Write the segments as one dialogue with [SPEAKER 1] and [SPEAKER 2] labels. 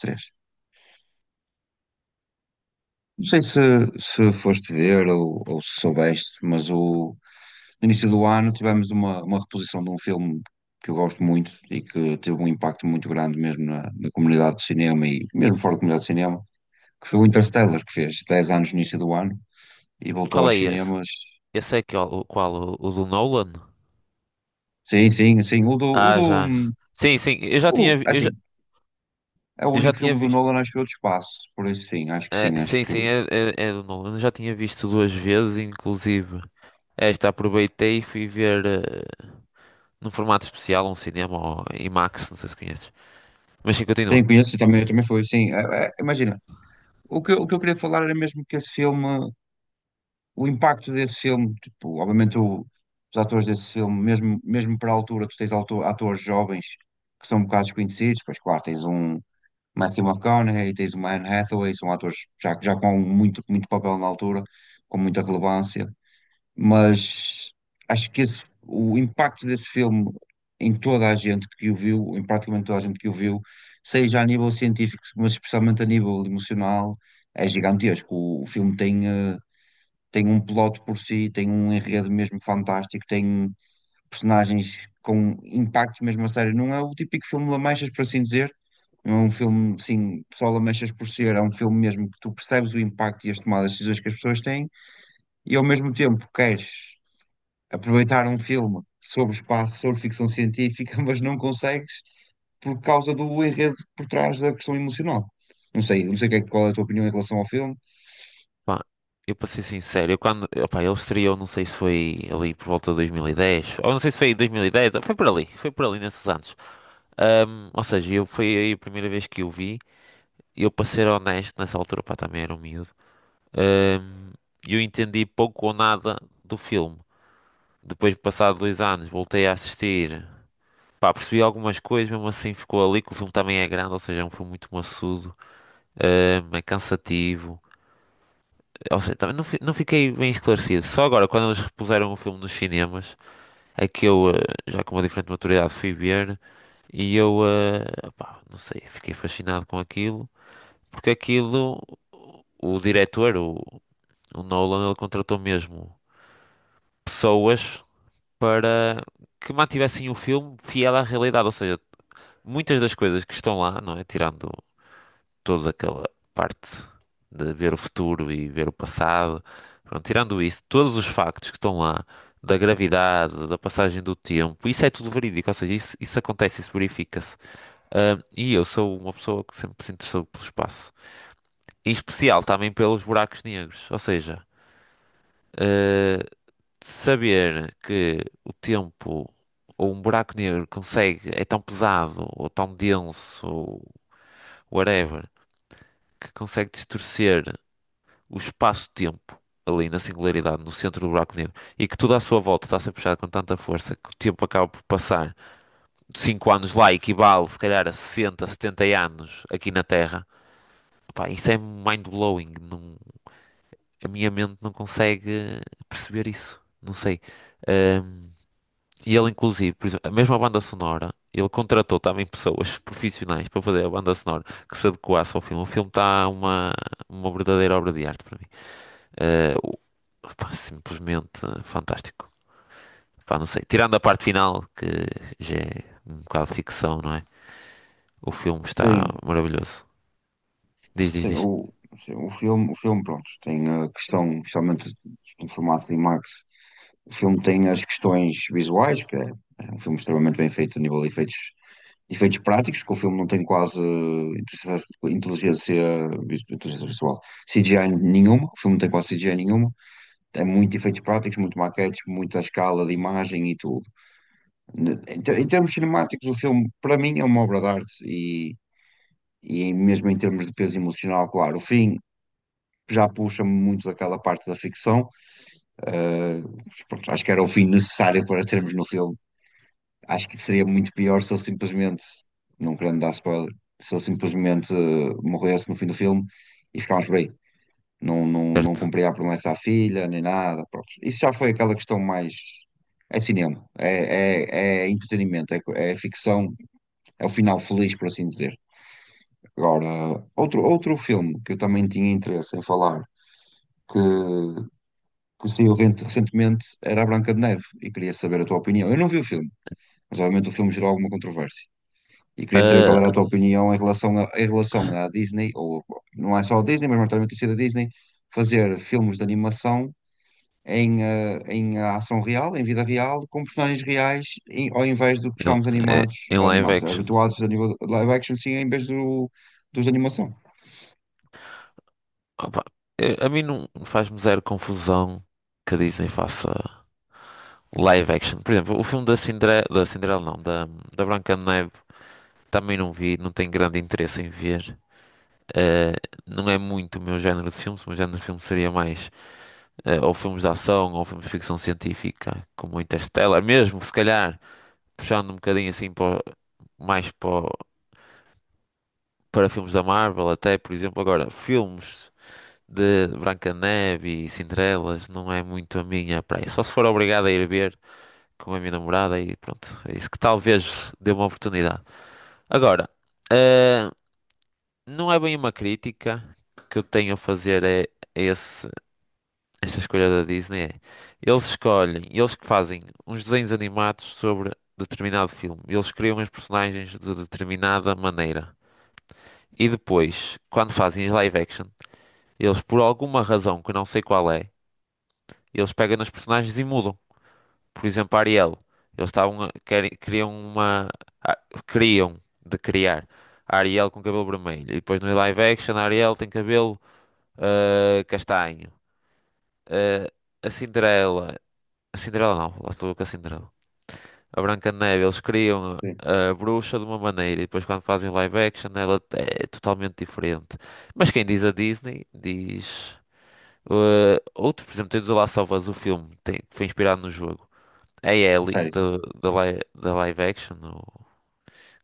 [SPEAKER 1] Três. Não sei se, se foste ver ou se soubeste, mas o, no início do ano tivemos uma reposição de um filme que eu gosto muito e que teve um impacto muito grande mesmo na, na comunidade de cinema e mesmo fora da comunidade de cinema, que foi o Interstellar, que fez 10 anos no início do ano e voltou
[SPEAKER 2] Qual
[SPEAKER 1] aos
[SPEAKER 2] é esse?
[SPEAKER 1] cinemas.
[SPEAKER 2] Esse é que, é o, qual? O do Nolan?
[SPEAKER 1] Sim, sim, sim. O do, o
[SPEAKER 2] Ah,
[SPEAKER 1] do,
[SPEAKER 2] já. Sim, sim, eu já
[SPEAKER 1] o,
[SPEAKER 2] tinha,
[SPEAKER 1] assim, é o
[SPEAKER 2] eu já
[SPEAKER 1] único
[SPEAKER 2] tinha
[SPEAKER 1] filme do
[SPEAKER 2] visto.
[SPEAKER 1] Nolan, acho eu, de espaço, por isso sim, acho que
[SPEAKER 2] é,
[SPEAKER 1] sim, acho
[SPEAKER 2] sim,
[SPEAKER 1] que.
[SPEAKER 2] sim, é, é, é do Nolan. Eu já tinha visto duas vezes, inclusive. Esta aproveitei e fui ver num formato especial, um cinema ou IMAX, não sei se conheces. Mas sim,
[SPEAKER 1] Sim,
[SPEAKER 2] continua.
[SPEAKER 1] conheço também, também foi, sim. É, é, imagina, o que, o que eu queria falar era mesmo que esse filme o impacto desse filme, tipo, obviamente os atores desse filme, mesmo, mesmo para a altura, tu tens atores jovens que são um bocado desconhecidos, pois claro, tens um Matthew McConaughey, tens um Anne Hathaway, são atores já, já com muito, muito papel na altura, com muita relevância, mas acho que esse, o impacto desse filme em toda a gente que o viu, em praticamente toda a gente que o viu, seja a nível científico, mas especialmente a nível emocional, é gigantesco. O filme tem... eh, tem um plot por si, tem um enredo mesmo fantástico, tem personagens com impacto mesmo a sério. Não é o típico filme Lamechas, por assim dizer. Não é um filme, sim, só Lamechas por ser. É um filme mesmo que tu percebes o impacto e as tomadas de decisões que as pessoas têm e ao mesmo tempo queres aproveitar um filme sobre espaço, sobre ficção científica, mas não consegues por causa do enredo por trás da questão emocional. Não sei, não sei qual é a tua opinião em relação ao filme.
[SPEAKER 2] Pá, eu para ser sincero, eu quando. Opá, ele estreou, não sei se foi ali por volta de 2010, ou não sei se foi em 2010, foi por ali nesses anos. Ou seja, eu, foi aí a primeira vez que eu vi. Eu, para ser honesto, nessa altura, pá, também era um miúdo, hum, eu entendi pouco ou nada do filme. Depois de passar dois anos, voltei a assistir. Pá, percebi algumas coisas, mesmo assim ficou ali, que o filme também é grande, ou seja, é um filme muito maçudo, é cansativo. Ou seja, também não, não fiquei bem esclarecido. Só agora, quando eles repuseram o filme nos cinemas, é que eu, já com uma diferente maturidade, fui ver. E eu, pá, não sei, fiquei fascinado com aquilo, porque aquilo, o diretor, o Nolan, ele contratou mesmo pessoas para que mantivessem o filme fiel à realidade. Ou seja, muitas das coisas que estão lá, não é? Tirando toda aquela parte de ver o futuro e ver o passado. Pronto, tirando isso, todos os factos que estão lá, da gravidade, da passagem do tempo, isso é tudo verídico. Ou seja, isso acontece, isso verifica-se. Ah, e eu sou uma pessoa que sempre se interessou pelo espaço. Em especial também pelos buracos negros. Ou seja, ah, saber que o tempo ou um buraco negro consegue, é tão pesado ou tão denso ou whatever, que consegue distorcer o espaço-tempo ali na singularidade, no centro do buraco negro, e que tudo à sua volta está a ser puxado com tanta força que o tempo acaba por passar 5 anos lá equivale se calhar a 60, 70 anos aqui na Terra. Pá, isso é mind-blowing. A minha mente não consegue perceber isso. Não sei. Ahm, E ele, inclusive, por exemplo, a mesma banda sonora, ele contratou também pessoas profissionais para fazer a banda sonora que se adequasse ao filme. O filme está uma verdadeira obra de arte para mim. Eh, o- pá, simplesmente fantástico. Pá, não sei. Tirando a parte final, que já é um bocado de ficção, não é? O filme está
[SPEAKER 1] Sim,
[SPEAKER 2] maravilhoso. Diz, diz,
[SPEAKER 1] sim,
[SPEAKER 2] diz.
[SPEAKER 1] o, sim, o filme, pronto, tem a questão, especialmente em formato IMAX, o filme tem as questões visuais, que é, é um filme extremamente bem feito a nível de efeitos práticos, que o filme não tem quase inteligência, inteligência visual, CGI nenhuma, o filme não tem quase CGI nenhuma, tem muito efeitos práticos, muito maquetes, muita escala de imagem e tudo. Em em termos cinemáticos, o filme, para mim, é uma obra de arte e mesmo em termos de peso emocional, claro, o fim já puxa-me muito daquela parte da ficção. eh, Pronto, acho que era o fim necessário para termos no filme. Acho que seria muito pior se ele simplesmente, não querendo dar spoiler, se ele simplesmente morresse no fim do filme e ficámos por aí. Não, não, não
[SPEAKER 2] Certo.
[SPEAKER 1] cumpria a promessa à filha, nem nada. Pronto. Isso já foi aquela questão mais. É cinema, é, é, é entretenimento, é ficção. É o final feliz, por assim dizer. Agora, outro, outro filme que eu também tinha interesse em falar, que, que saiu recentemente, era A Branca de Neve, e queria saber a tua opinião. Eu não vi o filme, mas obviamente o filme gerou alguma controvérsia. E queria saber qual
[SPEAKER 2] Eh,
[SPEAKER 1] era a tua opinião em relação, a, em relação à Disney, ou não é só a Disney, mas maioritariamente tem sido a Disney, fazer filmes de animação em, em ação real, em vida real, com personagens reais, ao invés do que
[SPEAKER 2] em,
[SPEAKER 1] estamos
[SPEAKER 2] eh,
[SPEAKER 1] animados,
[SPEAKER 2] em live
[SPEAKER 1] animados,
[SPEAKER 2] action.
[SPEAKER 1] habituados a nível de live action, sim, em vez do, dos animação.
[SPEAKER 2] Opa, a mim não faz-me zero confusão que a Disney faça. Live action. Por exemplo, o filme da Cinderela não, da Branca de Neve, também não vi, não tenho grande interesse em ver. Eh, não é muito o meu género de filmes, o meu género de filme seria mais ou filmes de ação ou filmes de ficção científica, como Interstellar, mesmo se calhar puxando um bocadinho assim para, mais para, para filmes da Marvel, até por exemplo, agora filmes de Branca-de-Neve e Cinderelas não é muito a minha praia, só se for obrigado a ir ver com a minha namorada e pronto, é isso que talvez dê uma oportunidade. Agora, eh, não é bem uma crítica que eu tenho a fazer é esse, essa escolha da Disney. É, eles escolhem, eles que fazem uns desenhos animados sobre determinado filme. Eles criam os personagens de determinada maneira. E depois, quando fazem as live action, eles por alguma razão que eu não sei qual é, eles pegam nos personagens e mudam. Por exemplo, Ariel. Eles querem, queriam uma. a- Queriam de criar a Ariel com cabelo vermelho. E depois no live action a Ariel tem cabelo ah, castanho. Ah, a Cinderela. A Cinderela não, lá estou eu com a Cinderela. A Branca de Neve, eles criam
[SPEAKER 1] Sim,
[SPEAKER 2] a bruxa de uma maneira e depois quando fazem o live action ela é totalmente diferente. Mas quem diz a Disney diz. Ah, outro, por exemplo, tens o Last of Us, o filme que foi inspirado no jogo. A Ellie
[SPEAKER 1] sério,
[SPEAKER 2] da live action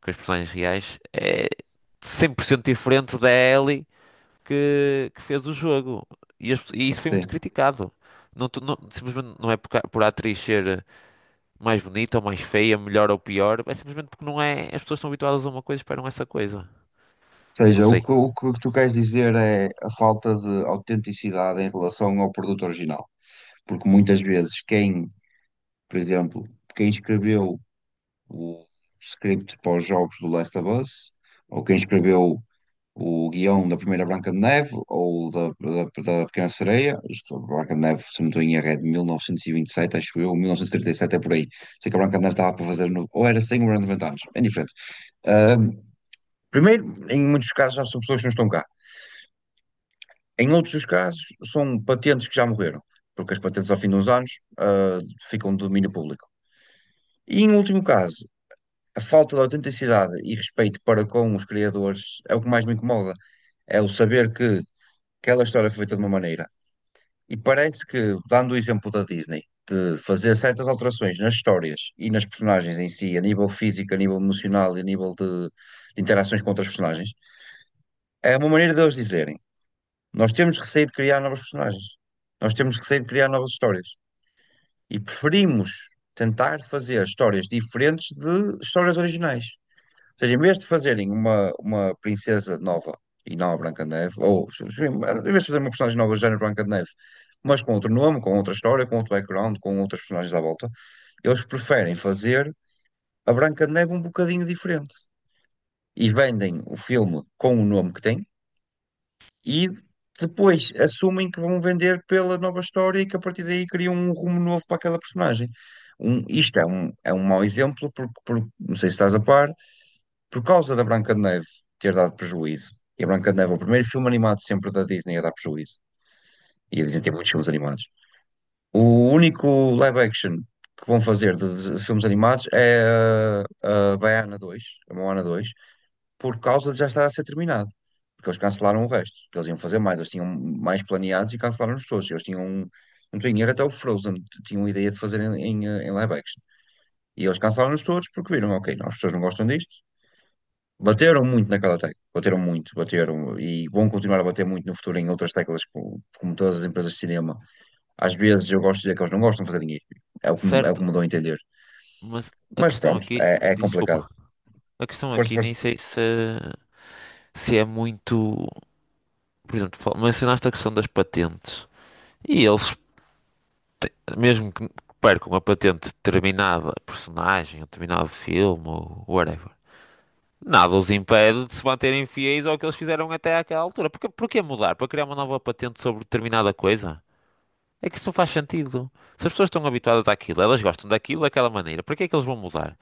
[SPEAKER 2] com os personagens reais é 100% diferente da Ellie que fez o jogo. E, e isso foi muito
[SPEAKER 1] sim.
[SPEAKER 2] criticado. Simplesmente não é por, por a atriz ser mais bonita ou mais feia, melhor ou pior, é simplesmente porque não é. As pessoas estão habituadas a uma coisa e esperam essa coisa.
[SPEAKER 1] Ou
[SPEAKER 2] Não
[SPEAKER 1] seja,
[SPEAKER 2] sei.
[SPEAKER 1] o que tu queres dizer é a falta de autenticidade em relação ao produto original. Porque muitas vezes quem, por exemplo, quem escreveu o script para os jogos do Last of Us, ou quem escreveu o guião da primeira Branca de Neve, ou da, da, da Pequena Sereia, isto, a Branca de Neve, se não estou em erro, é de 1927 acho eu, 1937 é por aí. Sei que a Branca de Neve estava para fazer, no, ou era 100 ou era 90 anos, é diferente. Primeiro, em muitos casos já são pessoas que não estão cá. Em outros dos casos, são patentes que já morreram, porque as patentes ao fim de uns anos ah, ficam de domínio público. E em último caso, a falta de autenticidade e respeito para com os criadores é o que mais me incomoda. É o saber que aquela história foi feita de uma maneira. E parece que, dando o exemplo da Disney, de fazer certas alterações nas histórias e nas personagens em si, a nível físico, a nível emocional e a nível de interações com outras personagens, é uma maneira deles dizerem. Nós temos receio de criar novos personagens. Nós temos receio de criar novas histórias. E preferimos tentar fazer histórias diferentes de histórias originais. Ou seja, em vez de fazerem uma princesa nova e não a Branca de Neve, ou em vez de fazer uma personagem nova do género Branca de Neve, mas com outro nome, com outra história, com outro background, com outras personagens à volta, eles preferem fazer a Branca de Neve um bocadinho diferente. E vendem o filme com o nome que tem, e depois assumem que vão vender pela nova história e que a partir daí criam um rumo novo para aquela personagem. Um, isto é um mau exemplo, porque, não sei se estás a par, por causa da Branca de Neve ter dado prejuízo, e a Branca de Neve é o primeiro filme animado sempre da Disney a dar prejuízo, e a Disney tem muitos filmes animados. O único live action que vão fazer de filmes animados é a Baiana 2, a Moana 2 por causa de já estar a ser terminado. Porque eles cancelaram o resto. Que Eles iam fazer mais, eles tinham mais planeados e cancelaram-nos todos. Eles tinham, não tenho erro, até o Frozen tinham a ideia de fazer em, em, em live action. E eles cancelaram-nos todos porque viram, ok, não, as pessoas não gostam disto. Bateram muito naquela tecla, bateram muito, bateram e vão continuar a bater muito no futuro em outras teclas, como, como todas as empresas de cinema. Às vezes eu gosto de dizer que eles não gostam de fazer dinheiro, é o que, é o
[SPEAKER 2] Certo,
[SPEAKER 1] que me dou a entender.
[SPEAKER 2] mas a
[SPEAKER 1] Mas
[SPEAKER 2] questão
[SPEAKER 1] pronto,
[SPEAKER 2] aqui.
[SPEAKER 1] é, é complicado.
[SPEAKER 2] Desculpa. A questão
[SPEAKER 1] Força,
[SPEAKER 2] aqui nem
[SPEAKER 1] força.
[SPEAKER 2] sei se, se é muito. Por exemplo, mencionaste a questão das patentes. E eles mesmo que percam a patente de determinada personagem, ou determinado filme, ou whatever, nada os impede de se manterem fiéis ao que eles fizeram até àquela altura. Porque, porquê mudar? Para criar uma nova patente sobre determinada coisa? É que isso não faz sentido. Se as pessoas estão habituadas àquilo, elas gostam daquilo daquela maneira, para que é que eles vão mudar?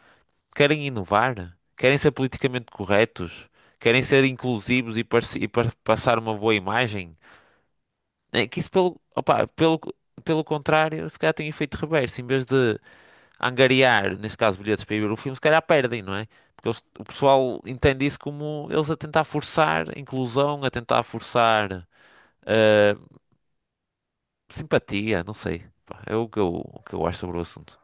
[SPEAKER 2] Querem inovar? Querem ser politicamente corretos? Querem ser inclusivos e passar uma boa imagem? É que isso, pelo, opá, pelo, pelo contrário, se calhar tem efeito reverso. Em vez de angariar, neste caso, bilhetes para ir ver o filme, se calhar perdem, não é? O pessoal entende isso como eles a tentar forçar inclusão, a tentar forçar eh, simpatia, não sei. Pá, é o que eu acho sobre o assunto.